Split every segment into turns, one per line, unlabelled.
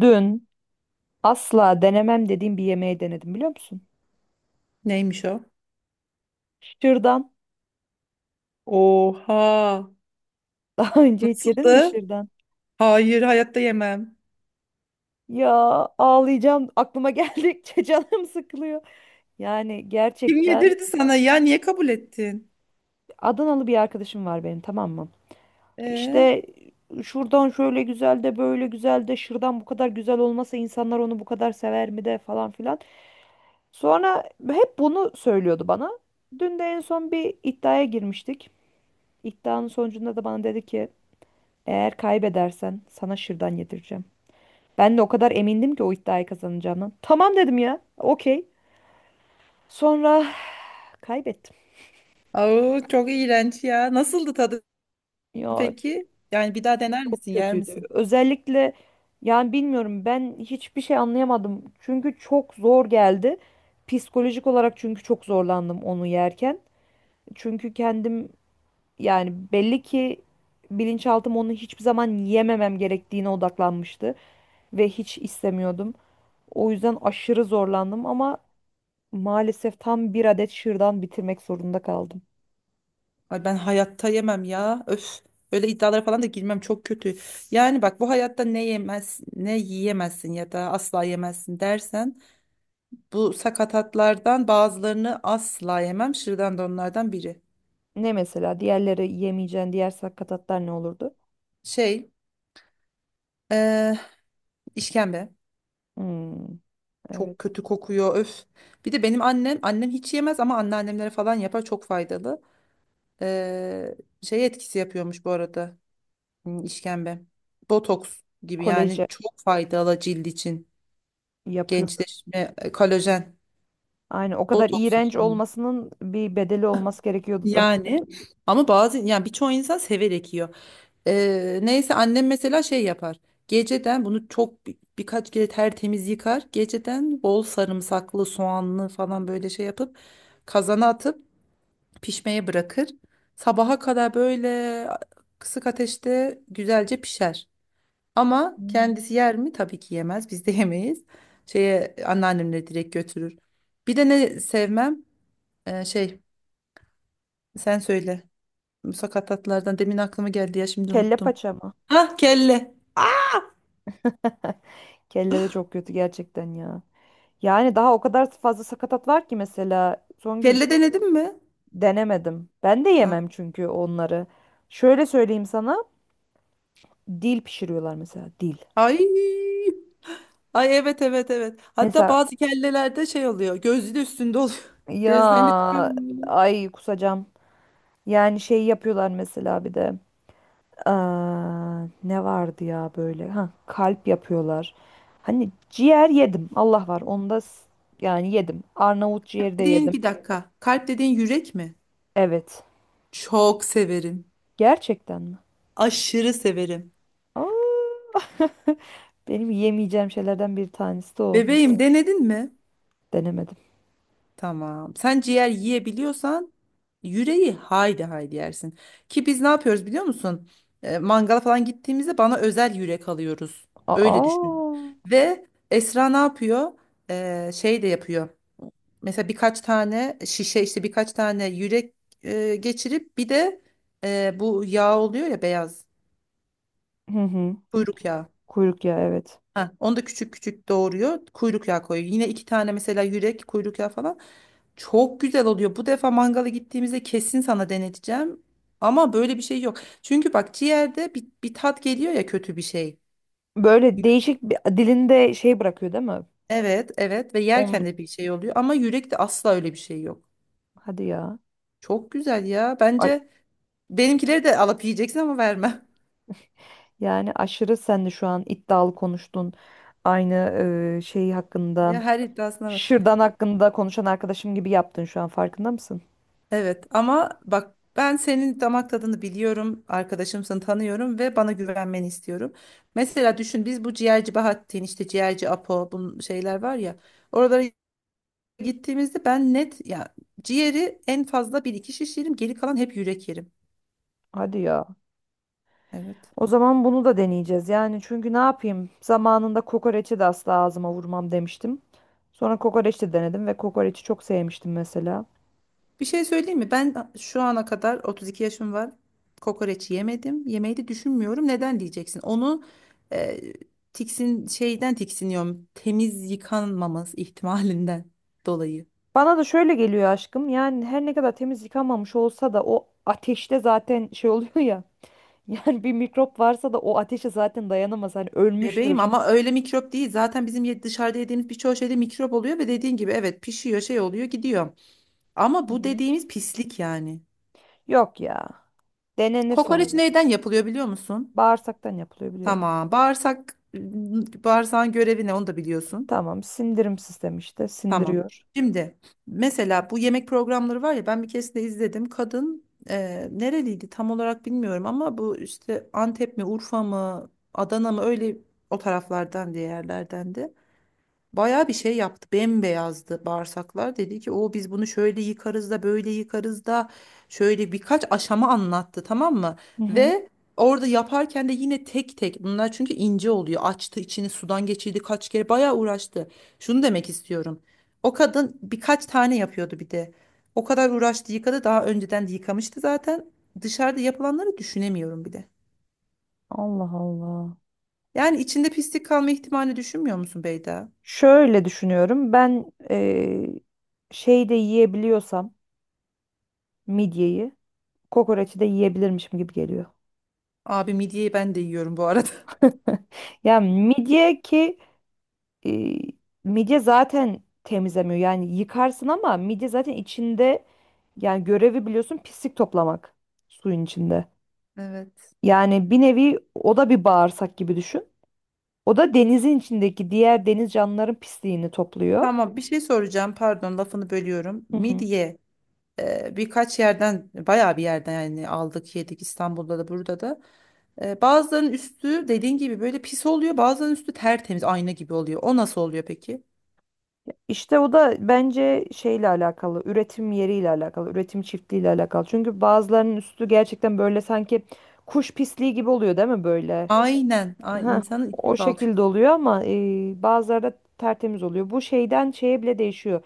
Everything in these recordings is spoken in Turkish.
Dün asla denemem dediğim bir yemeği denedim biliyor musun?
Neymiş o?
Şırdan.
Oha.
Daha önce hiç yedin mi
Nasıldı?
şırdan?
Hayır, hayatta yemem.
Ya, ağlayacağım. Aklıma geldikçe canım sıkılıyor. Yani
Kim
gerçekten,
yedirdi sana ya? Niye kabul ettin?
Adanalı bir arkadaşım var benim, tamam mı?
Ee,
İşte, şuradan şöyle güzel de böyle güzel de şırdan bu kadar güzel olmasa insanlar onu bu kadar sever mi de falan filan. Sonra hep bunu söylüyordu bana. Dün de en son bir iddiaya girmiştik. İddianın sonucunda da bana dedi ki: Eğer kaybedersen sana şırdan yedireceğim. Ben de o kadar emindim ki o iddiayı kazanacağımdan. Tamam dedim ya. Okey. Sonra kaybettim.
au, çok iğrenç ya. Nasıldı tadı
Ya,
peki? Yani bir daha dener
çok
misin, yer
kötüydü.
misin?
Özellikle, yani bilmiyorum, ben hiçbir şey anlayamadım. Çünkü çok zor geldi. Psikolojik olarak çünkü çok zorlandım onu yerken. Çünkü kendim, yani belli ki bilinçaltım onu hiçbir zaman yememem gerektiğine odaklanmıştı ve hiç istemiyordum. O yüzden aşırı zorlandım ama maalesef tam bir adet şırdan bitirmek zorunda kaldım.
Ay ben hayatta yemem ya. Öf. Öyle iddialara falan da girmem çok kötü. Yani bak bu hayatta ne yemez, ne yiyemezsin ya da asla yemezsin dersen bu sakatatlardan bazılarını asla yemem. Şırdan da onlardan biri.
Ne mesela? Diğerleri, yemeyeceğin diğer sakatatlar ne olurdu?
Şey, eee işkembe.
Hmm,
Çok
evet.
kötü kokuyor öf. Bir de benim annem hiç yemez ama anneannemlere falan yapar çok faydalı. Ee, şey etkisi yapıyormuş bu arada işkembe. Botoks gibi yani
Koleje
çok faydalı cilt için.
yapıyordu.
Gençleşme, kolajen,
Aynen. O kadar
botoks
iğrenç
için.
olmasının bir bedeli olması gerekiyordu zaten.
Yani ama bazı yani birçok insan severek yiyor. Neyse annem mesela şey yapar. Geceden bunu birkaç kere tertemiz yıkar. Geceden bol sarımsaklı, soğanlı falan böyle şey yapıp kazana atıp pişmeye bırakır. Sabaha kadar böyle kısık ateşte güzelce pişer. Ama
Hmm.
kendisi yer mi? Tabii ki yemez. Biz de yemeyiz. Şeye anneannemle direkt götürür. Bir de ne sevmem? Ee, şey sen söyle. Musakkatatlardan demin aklıma geldi ya şimdi
Kelle
unuttum.
paça mı?
Hah, kelle. Ah,
Kelle de çok kötü gerçekten ya. Yani daha o kadar fazla sakatat var ki mesela Songül,
kelle denedin mi?
denemedim. Ben de
Ha.
yemem çünkü onları. Şöyle söyleyeyim sana. Dil pişiriyorlar mesela, dil.
Ay. Ay, evet, evet, evet. Hatta
Mesela.
bazı kellelerde şey oluyor, gözü de üstünde oluyor. Gözlerinde çıkıyor.
Ya, ay kusacağım. Yani şey yapıyorlar mesela bir de. Aa, ne vardı ya böyle? Ha, kalp yapıyorlar. Hani ciğer yedim. Allah var. Onda yani yedim. Arnavut ciğeri de
Dediğin
yedim.
bir dakika. Kalp dediğin yürek mi?
Evet.
Çok severim.
Gerçekten mi?
Aşırı severim.
Aa, benim yemeyeceğim şeylerden bir tanesi de o mesela.
Bebeğim denedin mi?
Denemedim.
Tamam. Sen ciğer yiyebiliyorsan yüreği haydi haydi yersin. Ki biz ne yapıyoruz biliyor musun? Mangala falan gittiğimizde bana özel yürek alıyoruz. Öyle düşün.
Aa.
Ve Esra ne yapıyor? Şey de yapıyor. Mesela birkaç tane şişe işte birkaç tane yürek geçirip bir de bu yağ oluyor ya, beyaz
Hı hı.
kuyruk yağı.
Kuyruk, ya evet.
Ha, onu da küçük küçük doğruyor. Kuyruk yağı koyuyor. Yine iki tane mesela yürek, kuyruk yağı falan. Çok güzel oluyor. Bu defa mangala gittiğimizde kesin sana deneteceğim. Ama böyle bir şey yok. Çünkü bak ciğerde bir tat geliyor ya, kötü bir şey.
Böyle
Yü-
değişik bir dilinde şey bırakıyor değil mi?
Evet, evet, ve yerken
On
de bir şey oluyor ama yürekte asla öyle bir şey yok.
Hadi ya.
Çok güzel ya. Bence benimkileri de alıp yiyeceksin ama verme.
Yani aşırı sen de şu an iddialı konuştun. Aynı şey hakkında,
Ya her iddiasına.
şırdan hakkında konuşan arkadaşım gibi yaptın şu an, farkında mısın?
Evet, ama bak ben senin damak tadını biliyorum, arkadaşımsın, tanıyorum ve bana güvenmeni istiyorum. Mesela düşün, biz bu ciğerci Bahattin, işte ciğerci Apo, bu şeyler var ya, oralara gittiğimizde ben net ya, ciğeri en fazla bir iki şiş yerim, geri kalan hep yürek yerim.
Hadi ya.
Evet.
O zaman bunu da deneyeceğiz. Yani çünkü ne yapayım? Zamanında kokoreçi de asla ağzıma vurmam demiştim. Sonra kokoreç de denedim ve kokoreçi çok sevmiştim mesela.
Bir şey söyleyeyim mi? Ben şu ana kadar 32 yaşım var. Kokoreç yemedim. Yemeyi de düşünmüyorum. Neden diyeceksin? Onu e, tiksin şeyden tiksiniyorum. Temiz yıkanmaması ihtimalinden dolayı.
Bana da şöyle geliyor aşkım. Yani her ne kadar temiz yıkanmamış olsa da o ateşte zaten şey oluyor ya. Yani bir mikrop varsa da o ateşe zaten dayanamaz. Hani
Bebeğim,
ölmüştür.
ama öyle mikrop değil. Zaten bizim dışarıda yediğimiz birçok şeyde mikrop oluyor ve dediğin gibi evet, pişiyor, şey oluyor, gidiyor. Ama
Hı
bu
hı.
dediğimiz pislik yani.
Yok ya. Denenir son
Kokoreç
gün.
neyden yapılıyor biliyor musun?
Bağırsaktan yapılıyor, biliyorum.
Tamam. Bağırsak bağırsağın görevi ne onu da biliyorsun.
Tamam, sindirim sistemi işte,
Tamam.
sindiriyor.
Şimdi mesela bu yemek programları var ya, ben bir keresinde izledim. Kadın nereliydi tam olarak bilmiyorum ama bu işte Antep mi, Urfa mı, Adana mı, öyle o taraflardan diye yerlerdendi. Bayağı bir şey yaptı. Bembeyazdı bağırsaklar. Dedi ki o, biz bunu şöyle yıkarız da böyle yıkarız da, şöyle birkaç aşama anlattı, tamam mı?
Hı hı.
Ve orada yaparken de yine tek tek, bunlar çünkü ince oluyor. Açtı içini, sudan geçirdi kaç kere, bayağı uğraştı. Şunu demek istiyorum. O kadın birkaç tane yapıyordu bir de. O kadar uğraştı, yıkadı, daha önceden de yıkamıştı zaten. Dışarıda yapılanları düşünemiyorum bir de.
Allah Allah.
Yani içinde pislik kalma ihtimalini düşünmüyor musun Beyda?
Şöyle düşünüyorum. Ben şey yiyebiliyorsam, midyeyi, kokoreçi de yiyebilirmişim gibi geliyor.
Abi, midyeyi ben de yiyorum bu arada.
Ya midye ki eee, midye zaten temizlemiyor. Yani yıkarsın ama midye zaten içinde, yani görevi biliyorsun, pislik toplamak suyun içinde.
Evet.
Yani bir nevi o da bir bağırsak gibi düşün. O da denizin içindeki diğer deniz canlıların pisliğini topluyor.
Tamam, bir şey soracağım. Pardon, lafını bölüyorum.
Hı hı.
Midye birkaç yerden, bayağı bir yerden yani, aldık yedik, İstanbul'da da, burada da. Bazılarının üstü dediğin gibi böyle pis oluyor. Bazılarının üstü tertemiz ayna gibi oluyor. O nasıl oluyor peki?
İşte o da bence şeyle alakalı, üretim yeriyle alakalı, üretim çiftliğiyle alakalı. Çünkü bazılarının üstü gerçekten böyle sanki kuş pisliği gibi oluyor değil mi böyle?
Aynen. Ay,
Ha,
insanın içi
o
kalk.
şekilde oluyor ama bazıları da tertemiz oluyor. Bu şeyden şeye bile değişiyor.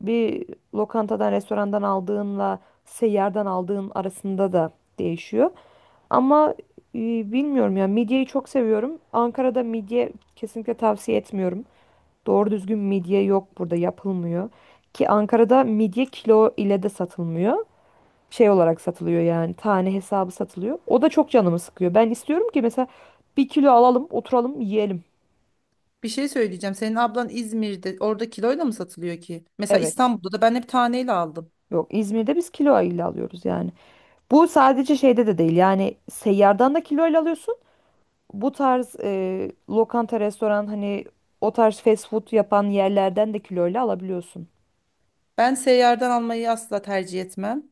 Bir lokantadan, restorandan aldığınla seyyardan aldığın arasında da değişiyor. Ama bilmiyorum ya, midyeyi çok seviyorum. Ankara'da midye kesinlikle tavsiye etmiyorum. Doğru düzgün midye yok, burada yapılmıyor. Ki Ankara'da midye kilo ile de satılmıyor. Şey olarak satılıyor, yani tane hesabı satılıyor. O da çok canımı sıkıyor. Ben istiyorum ki mesela bir kilo alalım, oturalım, yiyelim.
Bir şey söyleyeceğim. Senin ablan İzmir'de, orada kiloyla mı satılıyor ki? Mesela
Evet.
İstanbul'da da ben hep taneyle aldım.
Yok, İzmir'de biz kilo ile alıyoruz yani. Bu sadece şeyde de değil, yani seyyardan da kilo ile alıyorsun. Bu tarz lokanta, restoran, hani o tarz fast food yapan yerlerden de kiloyla alabiliyorsun.
Ben seyyardan almayı asla tercih etmem.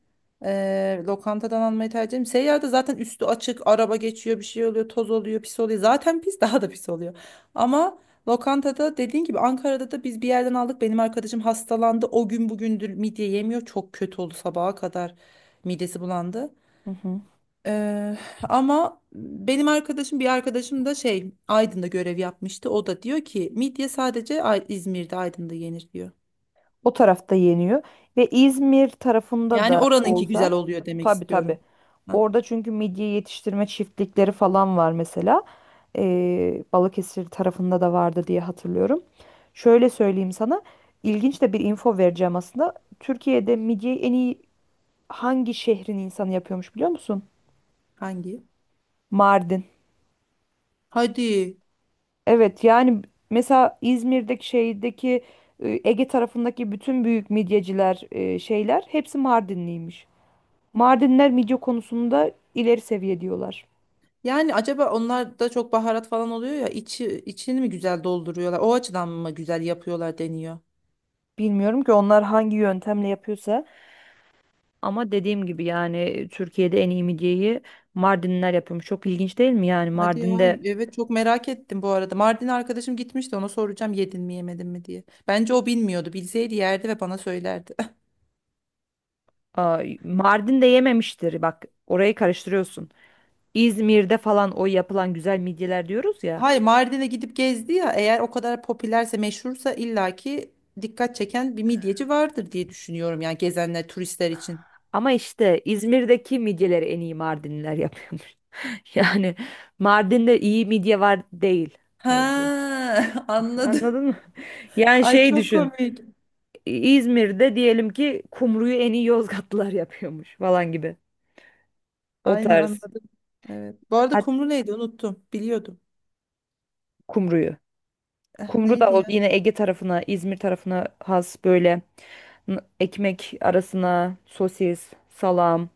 Lokantadan almayı tercih ederim. Seyyarda zaten üstü açık, araba geçiyor, bir şey oluyor, toz oluyor, pis oluyor. Zaten pis daha da pis oluyor. Ama lokantada dediğin gibi, Ankara'da da biz bir yerden aldık. Benim arkadaşım hastalandı. O gün bugündür midye yemiyor. Çok kötü oldu sabaha kadar. Midesi bulandı.
Hı hı.
Eee, ama benim arkadaşım, bir arkadaşım da Aydın'da görev yapmıştı. O da diyor ki midye sadece İzmir'de, Aydın'da yenir diyor.
O tarafta yeniyor. Ve İzmir tarafında
Yani
da
oranınki
olsa,
güzel oluyor demek
tabii tabii.
istiyorum. Hah.
Orada çünkü midye yetiştirme çiftlikleri falan var mesela. Balıkesir tarafında da vardı diye hatırlıyorum. Şöyle söyleyeyim sana. İlginç de bir info vereceğim aslında. Türkiye'de midyeyi en iyi hangi şehrin insanı yapıyormuş biliyor musun?
Hangi?
Mardin.
Hadi.
Evet yani mesela İzmir'deki şeydeki, Ege tarafındaki bütün büyük midyeciler, şeyler, hepsi Mardinliymiş. Mardinler midye konusunda ileri seviye diyorlar.
Yani acaba onlar da çok baharat falan oluyor ya, içi içini mi güzel dolduruyorlar? O açıdan mı güzel yapıyorlar deniyor?
Bilmiyorum ki onlar hangi yöntemle yapıyorsa, ama dediğim gibi yani Türkiye'de en iyi midyeyi Mardinler yapıyormuş. Çok ilginç değil mi yani
Hadi ya,
Mardin'de.
evet, çok merak ettim bu arada. Mardin arkadaşım gitmişti, ona soracağım yedin mi yemedin mi diye. Bence o bilmiyordu. Bilseydi yerdi ve bana söylerdi.
Aa, Mardin'de yememiştir, bak, orayı karıştırıyorsun. İzmir'de falan o yapılan güzel midyeler diyoruz ya.
Hayır, Mardin'e gidip gezdi ya, eğer o kadar popülerse, meşhursa, illaki dikkat çeken bir midyeci vardır diye düşünüyorum, yani gezenler turistler için.
Ama işte İzmir'deki midyeleri en iyi Mardinliler yapıyormuş. Yani Mardin'de iyi midye var değil mevzu.
Ha, anladım.
Anladın mı? Yani
Ay
şey
çok
düşün.
komik.
İzmir'de diyelim ki kumruyu en iyi Yozgatlılar yapıyormuş falan gibi. O
Aynen,
tarz.
anladım. Evet. Bu arada
Hat
kumru neydi unuttum. Biliyordum.
Kumruyu.
Eh,
Kumru da
neydi
o
ya?
yine Ege tarafına, İzmir tarafına has, böyle ekmek arasına sosis, salam,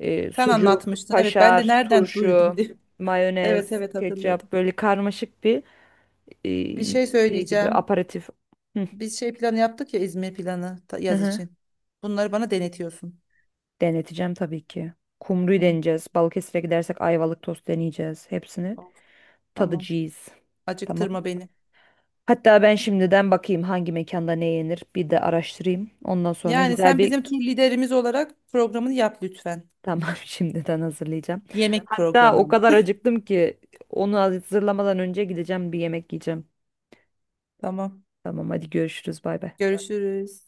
E,
Sen
sucuk,
anlatmıştın. Evet, ben de
kaşar,
nereden duydum
turşu,
diye. Evet,
mayonez,
evet, hatırladım.
ketçap, böyle karmaşık bir e,
Bir şey
şey gibi
söyleyeceğim.
aperatif. Hı,
Biz şey planı yaptık ya, İzmir planı,
hı
yaz
hı.
için. Bunları bana denetiyorsun.
Deneteceğim tabii ki. Kumru'yu
Tamam.
deneyeceğiz. Balıkesir'e gidersek Ayvalık tost deneyeceğiz. Hepsini
Of, tamam.
tadacağız. Tamam.
Acıktırma beni.
Hatta ben şimdiden bakayım hangi mekanda ne yenir, bir de araştırayım. Ondan sonra
Yani
güzel
sen
bir
bizim tur liderimiz olarak programını yap lütfen.
tamam, şimdiden hazırlayacağım.
Yemek
Hatta
programı
o
ama.
kadar acıktım ki onu hazırlamadan önce gideceğim, bir yemek yiyeceğim.
Tamam.
Tamam, hadi görüşürüz, bay bay.
Görüşürüz.